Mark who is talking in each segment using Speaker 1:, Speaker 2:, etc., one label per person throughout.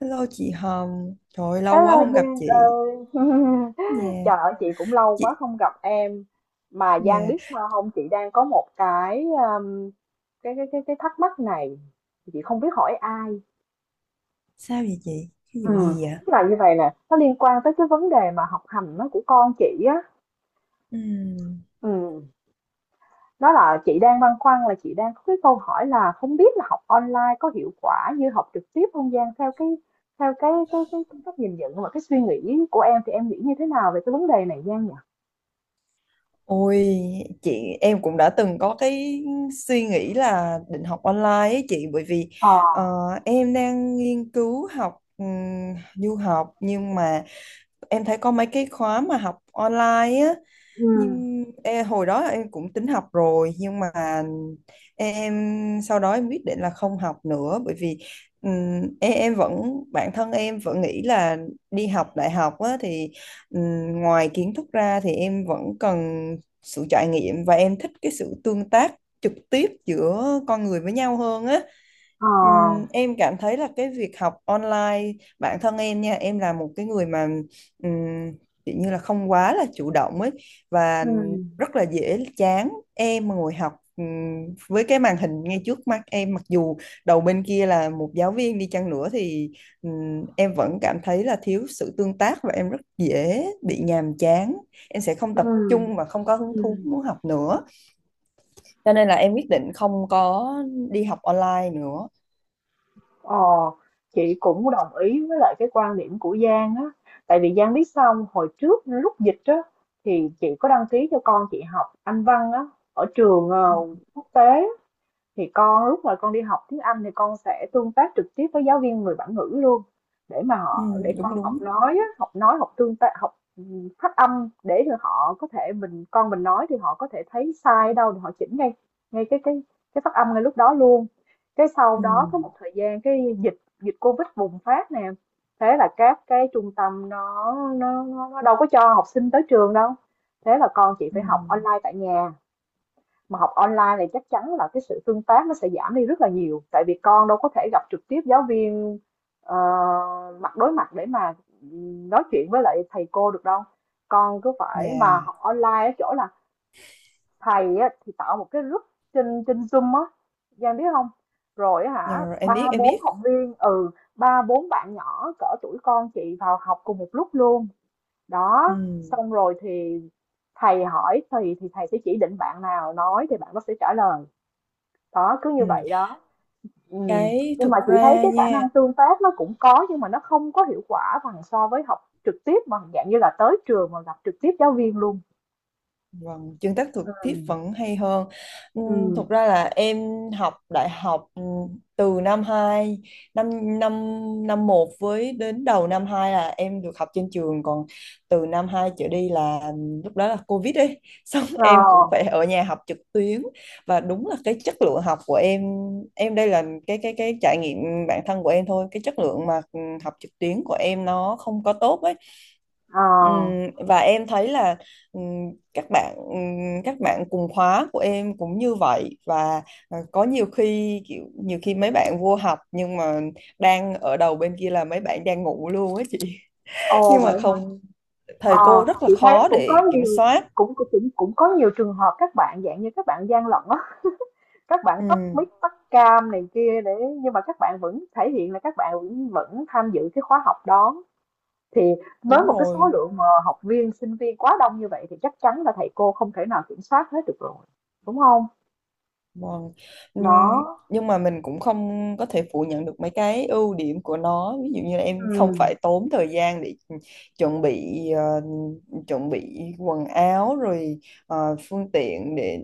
Speaker 1: Hello chị Hồng, trời ơi, lâu quá
Speaker 2: Hello
Speaker 1: không gặp
Speaker 2: Giang
Speaker 1: chị.
Speaker 2: ơi.
Speaker 1: Dạ,
Speaker 2: Trời ơi, chị cũng lâu quá
Speaker 1: chị,
Speaker 2: không gặp em. Mà Giang
Speaker 1: dạ,
Speaker 2: biết sao không? Chị đang có một cái cái thắc mắc này. Chị không biết hỏi ai.
Speaker 1: sao vậy chị? Cái vụ
Speaker 2: Ừ.
Speaker 1: gì vậy?
Speaker 2: Tức là như vậy nè, nó liên quan tới cái vấn đề mà học hành nó của con chị á,
Speaker 1: Ừ.
Speaker 2: ừ. Nó là chị đang băn khoăn, là chị đang có cái câu hỏi là không biết là học online có hiệu quả như học trực tiếp không Giang? Theo cái, cách nhìn nhận và cái suy nghĩ của em, thì em nghĩ như thế nào về cái vấn đề này Giang nhỉ?
Speaker 1: Ôi chị, em cũng đã từng có cái suy nghĩ là định học online ấy chị, bởi vì
Speaker 2: Ờ
Speaker 1: ờ, em đang nghiên cứu học du học, nhưng mà em thấy có mấy cái khóa mà học online á.
Speaker 2: Ừm,
Speaker 1: Nhưng hồi đó em cũng tính học rồi, nhưng mà em sau đó em quyết định là không học nữa, bởi vì em vẫn, bản thân em vẫn nghĩ là đi học đại học á, thì ngoài kiến thức ra thì em vẫn cần sự trải nghiệm và em thích cái sự tương tác trực tiếp giữa con người với nhau hơn á.
Speaker 2: ờ,
Speaker 1: Em cảm thấy là cái việc học online, bản thân em nha, em là một cái người mà ừm, kiểu như là không quá là chủ động ấy, và
Speaker 2: ừm,
Speaker 1: rất là dễ chán. Em mà ngồi học với cái màn hình ngay trước mắt em, mặc dù đầu bên kia là một giáo viên đi chăng nữa, thì em vẫn cảm thấy là thiếu sự tương tác và em rất dễ bị nhàm chán, em sẽ không tập
Speaker 2: ừm,
Speaker 1: trung và không có hứng thú
Speaker 2: ừm,
Speaker 1: muốn học nữa, cho nên là em quyết định không có đi học online nữa.
Speaker 2: ờ, chị cũng đồng ý với lại cái quan điểm của Giang á, tại vì Giang biết sao hông? Hồi trước lúc dịch á, thì chị có đăng ký cho con chị học Anh văn á, ở trường,
Speaker 1: Ừ.
Speaker 2: quốc tế. Thì con, lúc mà con đi học tiếng Anh thì con sẽ tương tác trực tiếp với giáo viên người bản ngữ luôn, để mà
Speaker 1: Ừ,
Speaker 2: họ, để con
Speaker 1: đúng đúng.
Speaker 2: học nói á, học nói, học tương tác, học phát âm, để cho họ có thể, mình con mình nói thì họ có thể thấy sai ở đâu thì họ chỉnh ngay, ngay cái cái phát âm ngay lúc đó luôn. Cái sau
Speaker 1: Ừ.
Speaker 2: đó có một thời gian, cái dịch dịch Covid bùng phát nè, thế là các cái trung tâm nó đâu có cho học sinh tới trường đâu. Thế là con chị
Speaker 1: Ừ.
Speaker 2: phải học online tại nhà. Mà học online này chắc chắn là cái sự tương tác nó sẽ giảm đi rất là nhiều, tại vì con đâu có thể gặp trực tiếp giáo viên, ờ, mặt đối mặt để mà nói chuyện với lại thầy cô được đâu. Con cứ phải mà
Speaker 1: Yeah.
Speaker 2: học online ở chỗ là thầy á, thì tạo một cái group trên trên Zoom á Giang biết không, rồi
Speaker 1: Yeah,
Speaker 2: hả?
Speaker 1: rồi em biết
Speaker 2: Ba
Speaker 1: em
Speaker 2: bốn
Speaker 1: biết.
Speaker 2: học viên, ba bốn bạn nhỏ cỡ tuổi con chị vào học cùng một lúc luôn.
Speaker 1: Ừ,
Speaker 2: Đó, xong rồi thì thầy hỏi thì thầy sẽ chỉ định bạn nào nói thì bạn nó sẽ trả lời. Đó, cứ như
Speaker 1: ừ.
Speaker 2: vậy đó. Ừm,
Speaker 1: Cái
Speaker 2: nhưng mà
Speaker 1: thực
Speaker 2: chị thấy
Speaker 1: ra
Speaker 2: cái khả
Speaker 1: nha.
Speaker 2: năng tương tác nó cũng có, nhưng mà nó không có hiệu quả bằng so với học trực tiếp, bằng dạng như là tới trường mà gặp trực tiếp giáo viên luôn.
Speaker 1: Vâng, tương tác trực
Speaker 2: Ừ,
Speaker 1: tiếp vẫn hay hơn.
Speaker 2: ừ.
Speaker 1: Thực ra là em học đại học, từ năm 2, năm năm năm một với đến đầu năm 2 là em được học trên trường, còn từ năm 2 trở đi là lúc đó là Covid ấy, xong
Speaker 2: Ờ,
Speaker 1: em cũng phải ở nhà học trực tuyến. Và đúng là cái chất lượng học của em đây là cái trải nghiệm bản thân của em thôi, cái chất lượng mà học trực tuyến của em nó không có tốt ấy.
Speaker 2: ờ.
Speaker 1: Ừm, và em thấy là ừm, các bạn các bạn cùng khóa của em cũng như vậy, và có nhiều khi mấy bạn vô học nhưng mà đang ở đầu bên kia là mấy bạn đang ngủ luôn á chị,
Speaker 2: Ồ,
Speaker 1: nhưng mà
Speaker 2: vậy hả?
Speaker 1: không, thầy
Speaker 2: Ờ,
Speaker 1: cô rất là
Speaker 2: chị thấy
Speaker 1: khó
Speaker 2: cũng có
Speaker 1: để kiểm
Speaker 2: nhiều,
Speaker 1: soát.
Speaker 2: cũng cũng cũng có nhiều trường hợp các bạn dạng như các bạn gian lận á, các bạn tắt
Speaker 1: Ừ,
Speaker 2: mic, tắt cam này kia, để nhưng mà các bạn vẫn thể hiện là các bạn vẫn vẫn tham dự cái khóa học đó. Thì với
Speaker 1: đúng
Speaker 2: một cái số
Speaker 1: rồi.
Speaker 2: lượng mà học viên, sinh viên quá đông như vậy thì chắc chắn là thầy cô không thể nào kiểm soát hết được rồi, đúng không?
Speaker 1: Vâng. Ừm,
Speaker 2: Đó.
Speaker 1: Nhưng mà mình cũng không có thể phủ nhận được mấy cái ưu điểm của nó. Ví dụ như là em không
Speaker 2: Ừm,
Speaker 1: phải tốn thời gian để chuẩn bị ờ, chuẩn bị quần áo, rồi phương tiện để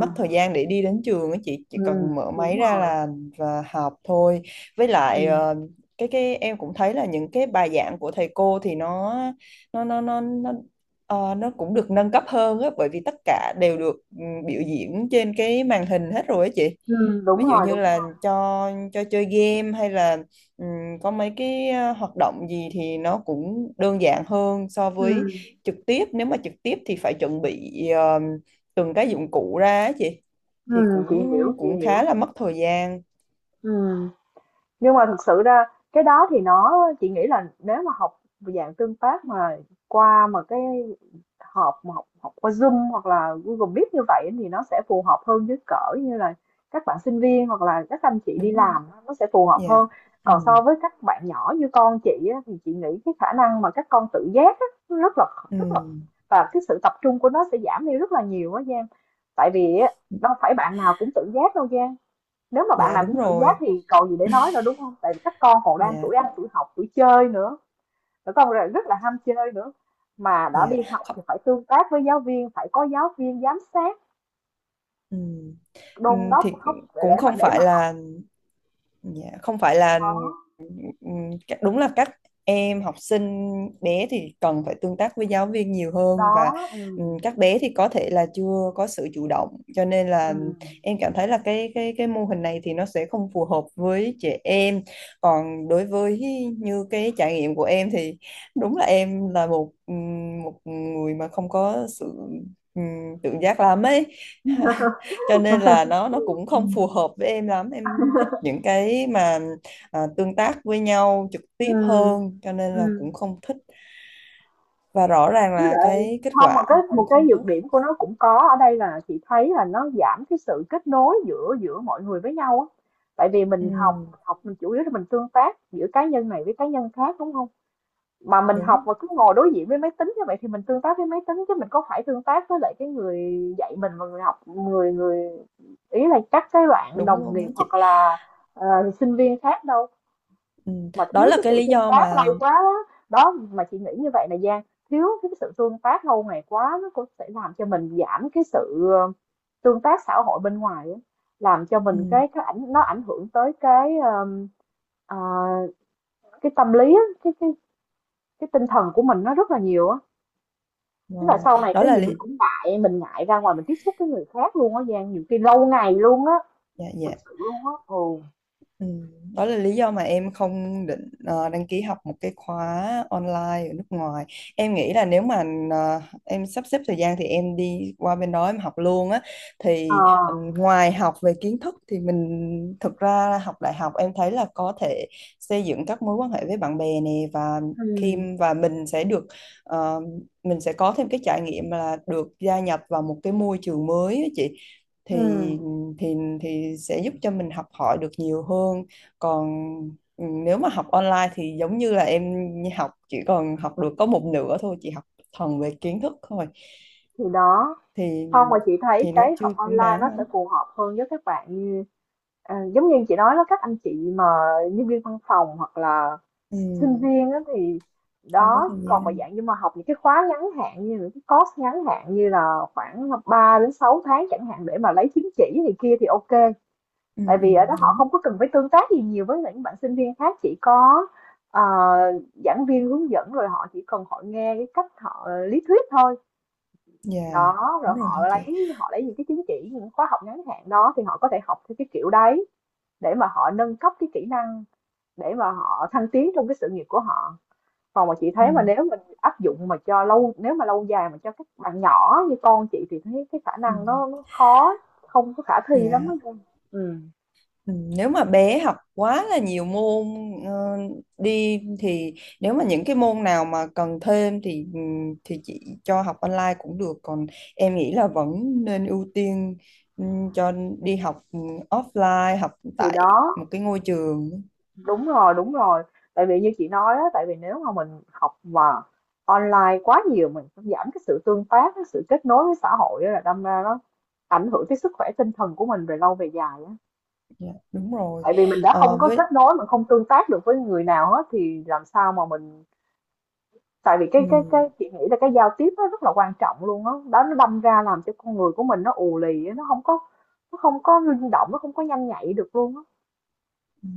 Speaker 1: mất thời gian để đi đến trường á chị, chỉ cần mở
Speaker 2: Đúng
Speaker 1: máy ra
Speaker 2: rồi,
Speaker 1: là và học thôi. Với lại
Speaker 2: ừm.
Speaker 1: cái em cũng thấy là những cái bài giảng của thầy cô thì nó nó nó nó nó cũng được nâng cấp hơn á, bởi vì tất cả đều được biểu diễn trên cái màn hình hết rồi á chị.
Speaker 2: Ừm. Đúng
Speaker 1: Ví dụ
Speaker 2: rồi,
Speaker 1: như
Speaker 2: đúng
Speaker 1: là
Speaker 2: rồi.
Speaker 1: cho chơi game hay là ừ, có mấy cái hoạt động gì thì nó cũng đơn giản hơn so với
Speaker 2: Ừm,
Speaker 1: trực tiếp. Nếu mà trực tiếp thì phải chuẩn bị từng cái dụng cụ ra á chị, thì cũng
Speaker 2: Chị hiểu, chị
Speaker 1: cũng khá
Speaker 2: hiểu.
Speaker 1: là mất thời gian.
Speaker 2: Ừm. Nhưng mà thực sự ra cái đó thì nó, chị nghĩ là nếu mà học dạng tương tác mà qua, mà cái họp, mà học học qua Zoom hoặc là Google Meet như vậy thì nó sẽ phù hợp hơn với cỡ như là các bạn sinh viên hoặc là các anh chị đi
Speaker 1: Đúng rồi.
Speaker 2: làm, nó sẽ phù hợp
Speaker 1: Dạ.
Speaker 2: hơn.
Speaker 1: Ừ.
Speaker 2: Còn so với các bạn nhỏ như con chị á, thì chị nghĩ cái khả năng mà các con tự giác á, rất là
Speaker 1: Ừ.
Speaker 2: rất là và cái sự tập trung của nó sẽ giảm đi rất là nhiều á Giang. Tại vì á, đâu phải bạn nào cũng tự giác đâu Giang, nếu mà bạn
Speaker 1: Dạ
Speaker 2: nào cũng
Speaker 1: đúng
Speaker 2: tự giác
Speaker 1: rồi.
Speaker 2: thì còn gì để nói nữa, đúng không? Tại vì các con còn đang
Speaker 1: Dạ.
Speaker 2: tuổi ăn, tuổi học, tuổi chơi nữa, các con rất là ham chơi nữa, mà đã đi
Speaker 1: Dạ.
Speaker 2: học
Speaker 1: Không-.
Speaker 2: thì phải tương tác với giáo viên, phải có giáo viên giám sát,
Speaker 1: Ừ. Ừ,
Speaker 2: đôn đốc
Speaker 1: thì
Speaker 2: khóc để
Speaker 1: cũng
Speaker 2: để mà
Speaker 1: không
Speaker 2: để
Speaker 1: phải
Speaker 2: mà học.
Speaker 1: là, dạ, không phải là,
Speaker 2: Đó.
Speaker 1: ừ, đúng là các em học sinh bé thì cần phải tương tác với giáo viên nhiều hơn,
Speaker 2: Đó.
Speaker 1: và
Speaker 2: Ừ,
Speaker 1: các bé thì có thể là chưa có sự chủ động, cho nên
Speaker 2: ừ,
Speaker 1: là em cảm thấy là cái mô hình này thì nó sẽ không phù hợp với trẻ em. Còn đối với như cái trải nghiệm của em thì đúng là em là một một người mà không có sự ừ, tự giác lắm ấy, cho nên là nó cũng
Speaker 2: ừ.
Speaker 1: không phù hợp với em lắm. Em thích những cái mà tương tác với nhau trực tiếp
Speaker 2: Ừm,
Speaker 1: hơn, cho nên là cũng
Speaker 2: ừm.
Speaker 1: không thích. Và rõ ràng
Speaker 2: Với
Speaker 1: là
Speaker 2: lại,
Speaker 1: cái kết
Speaker 2: không mà
Speaker 1: quả
Speaker 2: cái một
Speaker 1: cũng
Speaker 2: cái
Speaker 1: không
Speaker 2: nhược
Speaker 1: tốt.
Speaker 2: điểm của nó cũng có ở đây, là chị thấy là nó giảm cái sự kết nối giữa giữa mọi người với nhau á. Tại vì
Speaker 1: Ừ,
Speaker 2: mình học, mình chủ yếu là mình tương tác giữa cá nhân này với cá nhân khác, đúng không? Mà mình học
Speaker 1: đúng
Speaker 2: mà cứ ngồi đối diện với máy tính như vậy thì mình tương tác với máy tính, chứ mình có phải tương tác với lại cái người dạy mình, và người học, người người ý là các cái bạn
Speaker 1: đúng
Speaker 2: đồng
Speaker 1: luôn
Speaker 2: nghiệp
Speaker 1: đó chị.
Speaker 2: hoặc là ờ, sinh viên khác đâu,
Speaker 1: Ừ,
Speaker 2: mà
Speaker 1: đó
Speaker 2: thiếu
Speaker 1: là
Speaker 2: cái
Speaker 1: cái
Speaker 2: sự
Speaker 1: lý
Speaker 2: tương
Speaker 1: do
Speaker 2: tác
Speaker 1: mà.
Speaker 2: lâu quá á. Đó, mà chị nghĩ như vậy là Giang, thiếu cái sự tương tác lâu ngày quá nó cũng sẽ làm cho mình giảm cái sự tương tác xã hội bên ngoài á. Làm cho
Speaker 1: Ừ,
Speaker 2: mình cái cái nó ảnh hưởng tới cái ờ, cái tâm lý á, cái cái tinh thần của mình nó rất là nhiều á. Tức là
Speaker 1: vâng.
Speaker 2: sau này
Speaker 1: Đó
Speaker 2: cái
Speaker 1: là
Speaker 2: gì mình
Speaker 1: lý.
Speaker 2: cũng ngại, mình ngại ra ngoài, mình tiếp xúc với người khác luôn á Giang, nhiều khi lâu ngày luôn á,
Speaker 1: Dạ dạ.
Speaker 2: thực sự luôn á. Ồ.
Speaker 1: Ừ, đó là lý do mà em không định đăng ký học một cái khóa online ở nước ngoài. Em nghĩ là nếu mà em sắp xếp thời gian thì em đi qua bên đó em học luôn á.
Speaker 2: Ờ.
Speaker 1: Thì ngoài học về kiến thức thì mình, thực ra là học đại học em thấy là có thể xây dựng các mối quan hệ với bạn bè nè, và khi
Speaker 2: Ừ,
Speaker 1: và mình sẽ được ờ, mình sẽ có thêm cái trải nghiệm là được gia nhập vào một cái môi trường mới á chị. Thì
Speaker 2: ừ.
Speaker 1: thì thì sẽ giúp cho mình học hỏi được nhiều hơn, còn nếu mà học online thì giống như là em học, chỉ còn học được có một nửa thôi, chỉ học thuần về kiến thức thôi,
Speaker 2: Thì đó,
Speaker 1: thì
Speaker 2: không mà chị thấy
Speaker 1: thì nó
Speaker 2: cái học
Speaker 1: chưa xứng
Speaker 2: online nó
Speaker 1: đáng
Speaker 2: sẽ
Speaker 1: lắm.
Speaker 2: phù hợp hơn với các bạn như, à, giống như chị nói đó, các anh chị mà nhân viên văn phòng hoặc là
Speaker 1: Ừ,
Speaker 2: sinh viên á thì
Speaker 1: không có
Speaker 2: đó.
Speaker 1: thời
Speaker 2: Còn mà
Speaker 1: gian.
Speaker 2: dạng như mà học những cái khóa ngắn hạn, như những cái course ngắn hạn như là khoảng 3 đến 6 tháng chẳng hạn, để mà lấy chứng chỉ thì kia thì ok.
Speaker 1: Ừ,
Speaker 2: Tại
Speaker 1: ừ,
Speaker 2: vì ở đó họ
Speaker 1: đúng.
Speaker 2: không có cần phải tương tác gì nhiều với những bạn sinh viên khác, chỉ có ờ, giảng viên hướng dẫn, rồi họ chỉ cần họ nghe cái cách họ lý thuyết thôi.
Speaker 1: Dạ
Speaker 2: Đó,
Speaker 1: đúng
Speaker 2: rồi
Speaker 1: rồi hả
Speaker 2: họ
Speaker 1: chị.
Speaker 2: lấy, họ lấy những cái chứng chỉ, những khóa học ngắn hạn đó thì họ có thể học theo cái kiểu đấy, để mà họ nâng cấp cái kỹ năng, để mà họ thăng tiến trong cái sự nghiệp của họ. Còn mà chị thấy, mà
Speaker 1: Ừ,
Speaker 2: nếu mình áp dụng mà cho lâu, nếu mà lâu dài mà cho các bạn nhỏ như con chị thì thấy cái khả
Speaker 1: ừ,
Speaker 2: năng nó khó, không có khả thi lắm á
Speaker 1: dạ.
Speaker 2: Dung.
Speaker 1: Ừ, nếu mà bé học quá là nhiều môn ờ, đi thì, nếu mà những cái môn nào mà cần thêm thì chị cho học online cũng được, còn em nghĩ là vẫn nên ưu tiên ừ, cho đi học offline, học
Speaker 2: Thì
Speaker 1: tại
Speaker 2: đó.
Speaker 1: một cái ngôi trường.
Speaker 2: Đúng rồi, đúng rồi. Tại vì như chị nói á, tại vì nếu mà mình học mà online quá nhiều, mình cũng giảm cái sự tương tác, cái sự kết nối với xã hội á, là đâm ra nó ảnh hưởng tới sức khỏe tinh thần của mình về lâu về dài á.
Speaker 1: Dạ, đúng rồi.
Speaker 2: Tại vì mình đã
Speaker 1: Ờ,
Speaker 2: không có
Speaker 1: với.
Speaker 2: kết nối, mình không tương tác được với người nào hết thì làm sao mà mình, tại vì cái
Speaker 1: Ừ.
Speaker 2: cái chị nghĩ là cái giao tiếp nó rất là quan trọng luôn á. Đó. Đó, nó đâm ra làm cho con người của mình nó ù lì á, nó không có, nó không có linh động, nó không có nhanh nhạy được luôn á.
Speaker 1: Ừ.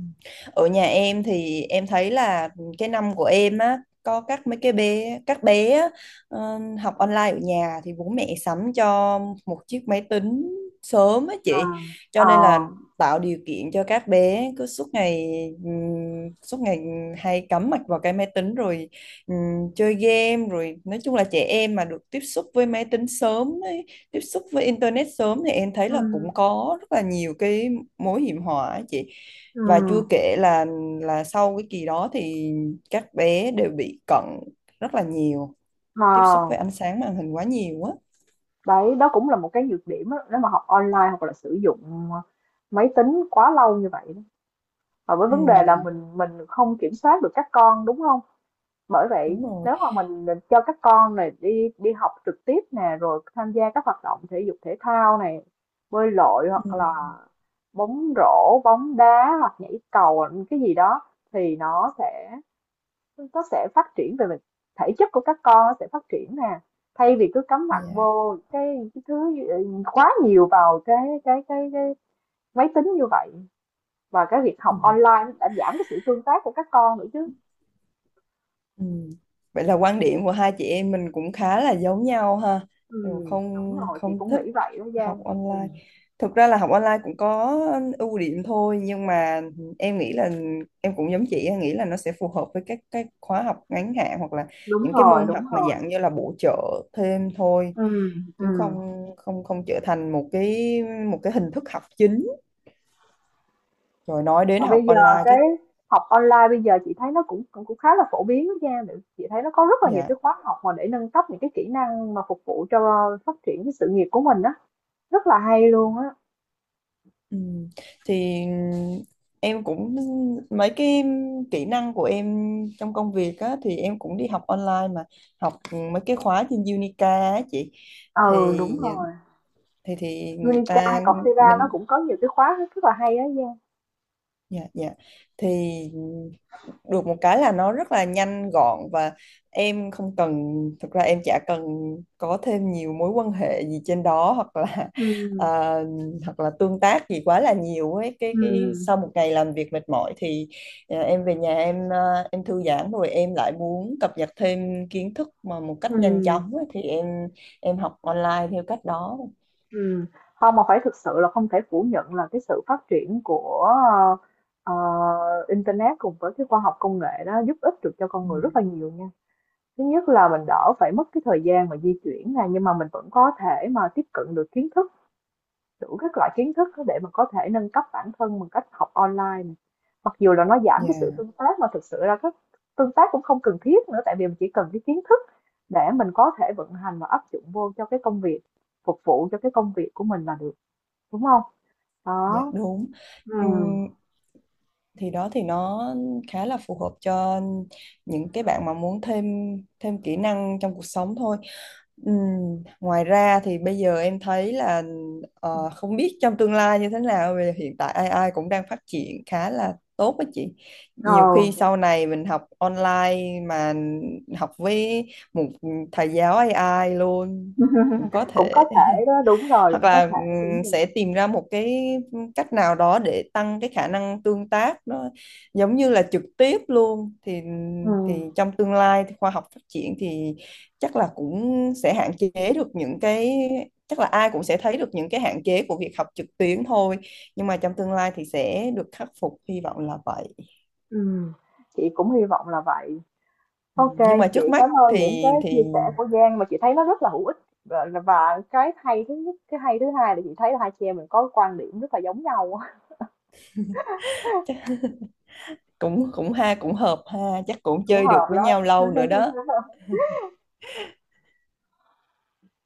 Speaker 1: Ở nhà em thì em thấy là cái năm của em á có các bé á, học online ở nhà thì bố mẹ sắm cho một chiếc máy tính sớm á
Speaker 2: À.
Speaker 1: chị, cho
Speaker 2: Ờ.
Speaker 1: nên là tạo điều kiện cho các bé cứ suốt ngày hay cắm mặt vào cái máy tính, rồi chơi game, rồi nói chung là trẻ em mà được tiếp xúc với máy tính sớm ấy, tiếp xúc với internet sớm thì em thấy là
Speaker 2: Ừ.
Speaker 1: cũng có rất là nhiều cái mối hiểm họa á chị.
Speaker 2: Ừ.
Speaker 1: Và chua kể là sau cái kỳ đó thì các bé đều bị cận rất là nhiều, tiếp xúc
Speaker 2: Ờ.
Speaker 1: với ánh sáng màn hình quá nhiều á.
Speaker 2: Đấy, đó cũng là một cái nhược điểm á, nếu mà học online hoặc là sử dụng máy tính quá lâu như vậy. Đó. Và với
Speaker 1: Ừ,
Speaker 2: vấn đề là mình không kiểm soát được các con, đúng không? Bởi
Speaker 1: đúng
Speaker 2: vậy
Speaker 1: rồi.
Speaker 2: nếu mà mình cho các con này đi, đi học trực tiếp nè, rồi tham gia các hoạt động thể dục thể thao này, bơi lội
Speaker 1: Ừ,
Speaker 2: hoặc là bóng rổ, bóng đá hoặc nhảy cầu cái gì đó, thì nó sẽ, nó sẽ phát triển về mặt thể chất của các con, nó sẽ phát triển nè, thay vì cứ cắm mặt
Speaker 1: dạ.
Speaker 2: vô cái thứ quá nhiều vào cái máy tính như vậy, và cái việc học
Speaker 1: Ừ.
Speaker 2: online đã giảm cái sự tương tác của các con nữa chứ.
Speaker 1: Ừ. Vậy là quan điểm của hai chị em mình cũng khá là giống nhau ha.
Speaker 2: Ừ,
Speaker 1: Đều
Speaker 2: đúng
Speaker 1: không,
Speaker 2: rồi, chị
Speaker 1: không
Speaker 2: cũng
Speaker 1: thích
Speaker 2: nghĩ vậy đó
Speaker 1: học
Speaker 2: Giang, ừ,
Speaker 1: online. Thực ra là học online cũng có ưu điểm thôi, nhưng mà em nghĩ là, em cũng giống chị, em nghĩ là nó sẽ phù hợp với các cái khóa học ngắn hạn hoặc là
Speaker 2: đúng
Speaker 1: những cái
Speaker 2: rồi,
Speaker 1: môn học
Speaker 2: đúng
Speaker 1: mà
Speaker 2: rồi.
Speaker 1: dạng như là bổ trợ thêm thôi,
Speaker 2: Ừ, ừ.
Speaker 1: chứ không, không, không trở thành một cái hình thức học chính. Rồi nói đến
Speaker 2: Mà bây
Speaker 1: học
Speaker 2: giờ
Speaker 1: online
Speaker 2: cái
Speaker 1: cái.
Speaker 2: học online bây giờ chị thấy nó cũng, cũng khá là phổ biến đó Giang. Chị thấy nó có rất là nhiều
Speaker 1: Dạ.
Speaker 2: cái khóa học mà để nâng cấp những cái kỹ năng mà phục vụ cho phát triển cái sự nghiệp của mình đó. Rất là hay luôn á.
Speaker 1: Ừ. Thì em cũng, mấy cái kỹ năng của em trong công việc á, thì em cũng đi học online mà, học mấy cái khóa trên Unica á chị,
Speaker 2: Ừ,
Speaker 1: thì
Speaker 2: đúng rồi,
Speaker 1: thì người
Speaker 2: Unica hay
Speaker 1: ta
Speaker 2: Coursera nó
Speaker 1: mình.
Speaker 2: cũng có nhiều cái khóa rất là hay á Giang.
Speaker 1: Dạ dạ. Thì được một cái là nó rất là nhanh gọn và em không cần, thực ra em chả cần có thêm nhiều mối quan hệ gì trên đó hoặc là ờ,
Speaker 2: Ừm,
Speaker 1: hoặc là tương tác gì quá là nhiều ấy, cái
Speaker 2: ừm,
Speaker 1: sau một ngày làm việc mệt mỏi thì em về nhà, em thư giãn rồi em lại muốn cập nhật thêm kiến thức mà một cách nhanh
Speaker 2: ừm,
Speaker 1: chóng ấy, thì em học online theo cách đó.
Speaker 2: ừm. Không mà phải thực sự là không thể phủ nhận là cái sự phát triển của ờ, ờ, internet cùng với cái khoa học công nghệ đó giúp ích được cho con
Speaker 1: Ừ.
Speaker 2: người rất là nhiều nha. Thứ nhất là mình đỡ phải mất cái thời gian mà di chuyển này, nhưng mà mình vẫn có thể mà tiếp cận được kiến thức, đủ các loại kiến thức để mà có thể nâng cấp bản thân bằng cách học online. Mặc dù là nó giảm cái sự
Speaker 1: Dạ,
Speaker 2: tương tác, mà thực sự ra cái tương tác cũng không cần thiết nữa, tại vì mình chỉ cần cái kiến thức để mình có thể vận hành và áp dụng vô cho cái công việc, phục vụ cho cái công việc của mình là được, đúng không?
Speaker 1: dạ
Speaker 2: Đó.
Speaker 1: đúng.
Speaker 2: Ừ.
Speaker 1: Ừm, thì đó, thì nó khá là phù hợp cho những cái bạn mà muốn thêm thêm kỹ năng trong cuộc sống thôi. Ừm, Ngoài ra thì bây giờ em thấy là, không biết trong tương lai như thế nào, vì hiện tại AI cũng đang phát triển khá là tốt á chị.
Speaker 2: Ờ.
Speaker 1: Nhiều khi sau này mình học online mà học với một thầy giáo AI luôn cũng có
Speaker 2: Cũng có
Speaker 1: thể,
Speaker 2: thể đó, đúng rồi,
Speaker 1: hoặc
Speaker 2: cũng có
Speaker 1: là
Speaker 2: thể, đúng rồi.
Speaker 1: sẽ tìm ra một cái cách nào đó để tăng cái khả năng tương tác nó giống như là trực tiếp luôn, thì
Speaker 2: Ừm.
Speaker 1: trong tương lai thì khoa học phát triển thì chắc là cũng sẽ hạn chế được những cái, chắc là ai cũng sẽ thấy được những cái hạn chế của việc học trực tuyến thôi, nhưng mà trong tương lai thì sẽ được khắc phục, hy vọng là vậy.
Speaker 2: Ừ. Chị cũng hy vọng là vậy.
Speaker 1: Ừ,
Speaker 2: Ok,
Speaker 1: nhưng mà
Speaker 2: chị
Speaker 1: trước
Speaker 2: cảm
Speaker 1: mắt
Speaker 2: ơn
Speaker 1: thì
Speaker 2: những cái
Speaker 1: thì
Speaker 2: chia sẻ của Giang, mà chị thấy nó rất là hữu ích, và cái hay thứ nhất, cái hay thứ hai là chị thấy là hai chị em mình có quan điểm rất là giống nhau.
Speaker 1: chắc cũng cũng ha, cũng hợp ha, chắc cũng
Speaker 2: Cũng
Speaker 1: chơi được
Speaker 2: hợp
Speaker 1: với nhau
Speaker 2: lắm.
Speaker 1: lâu nữa đó.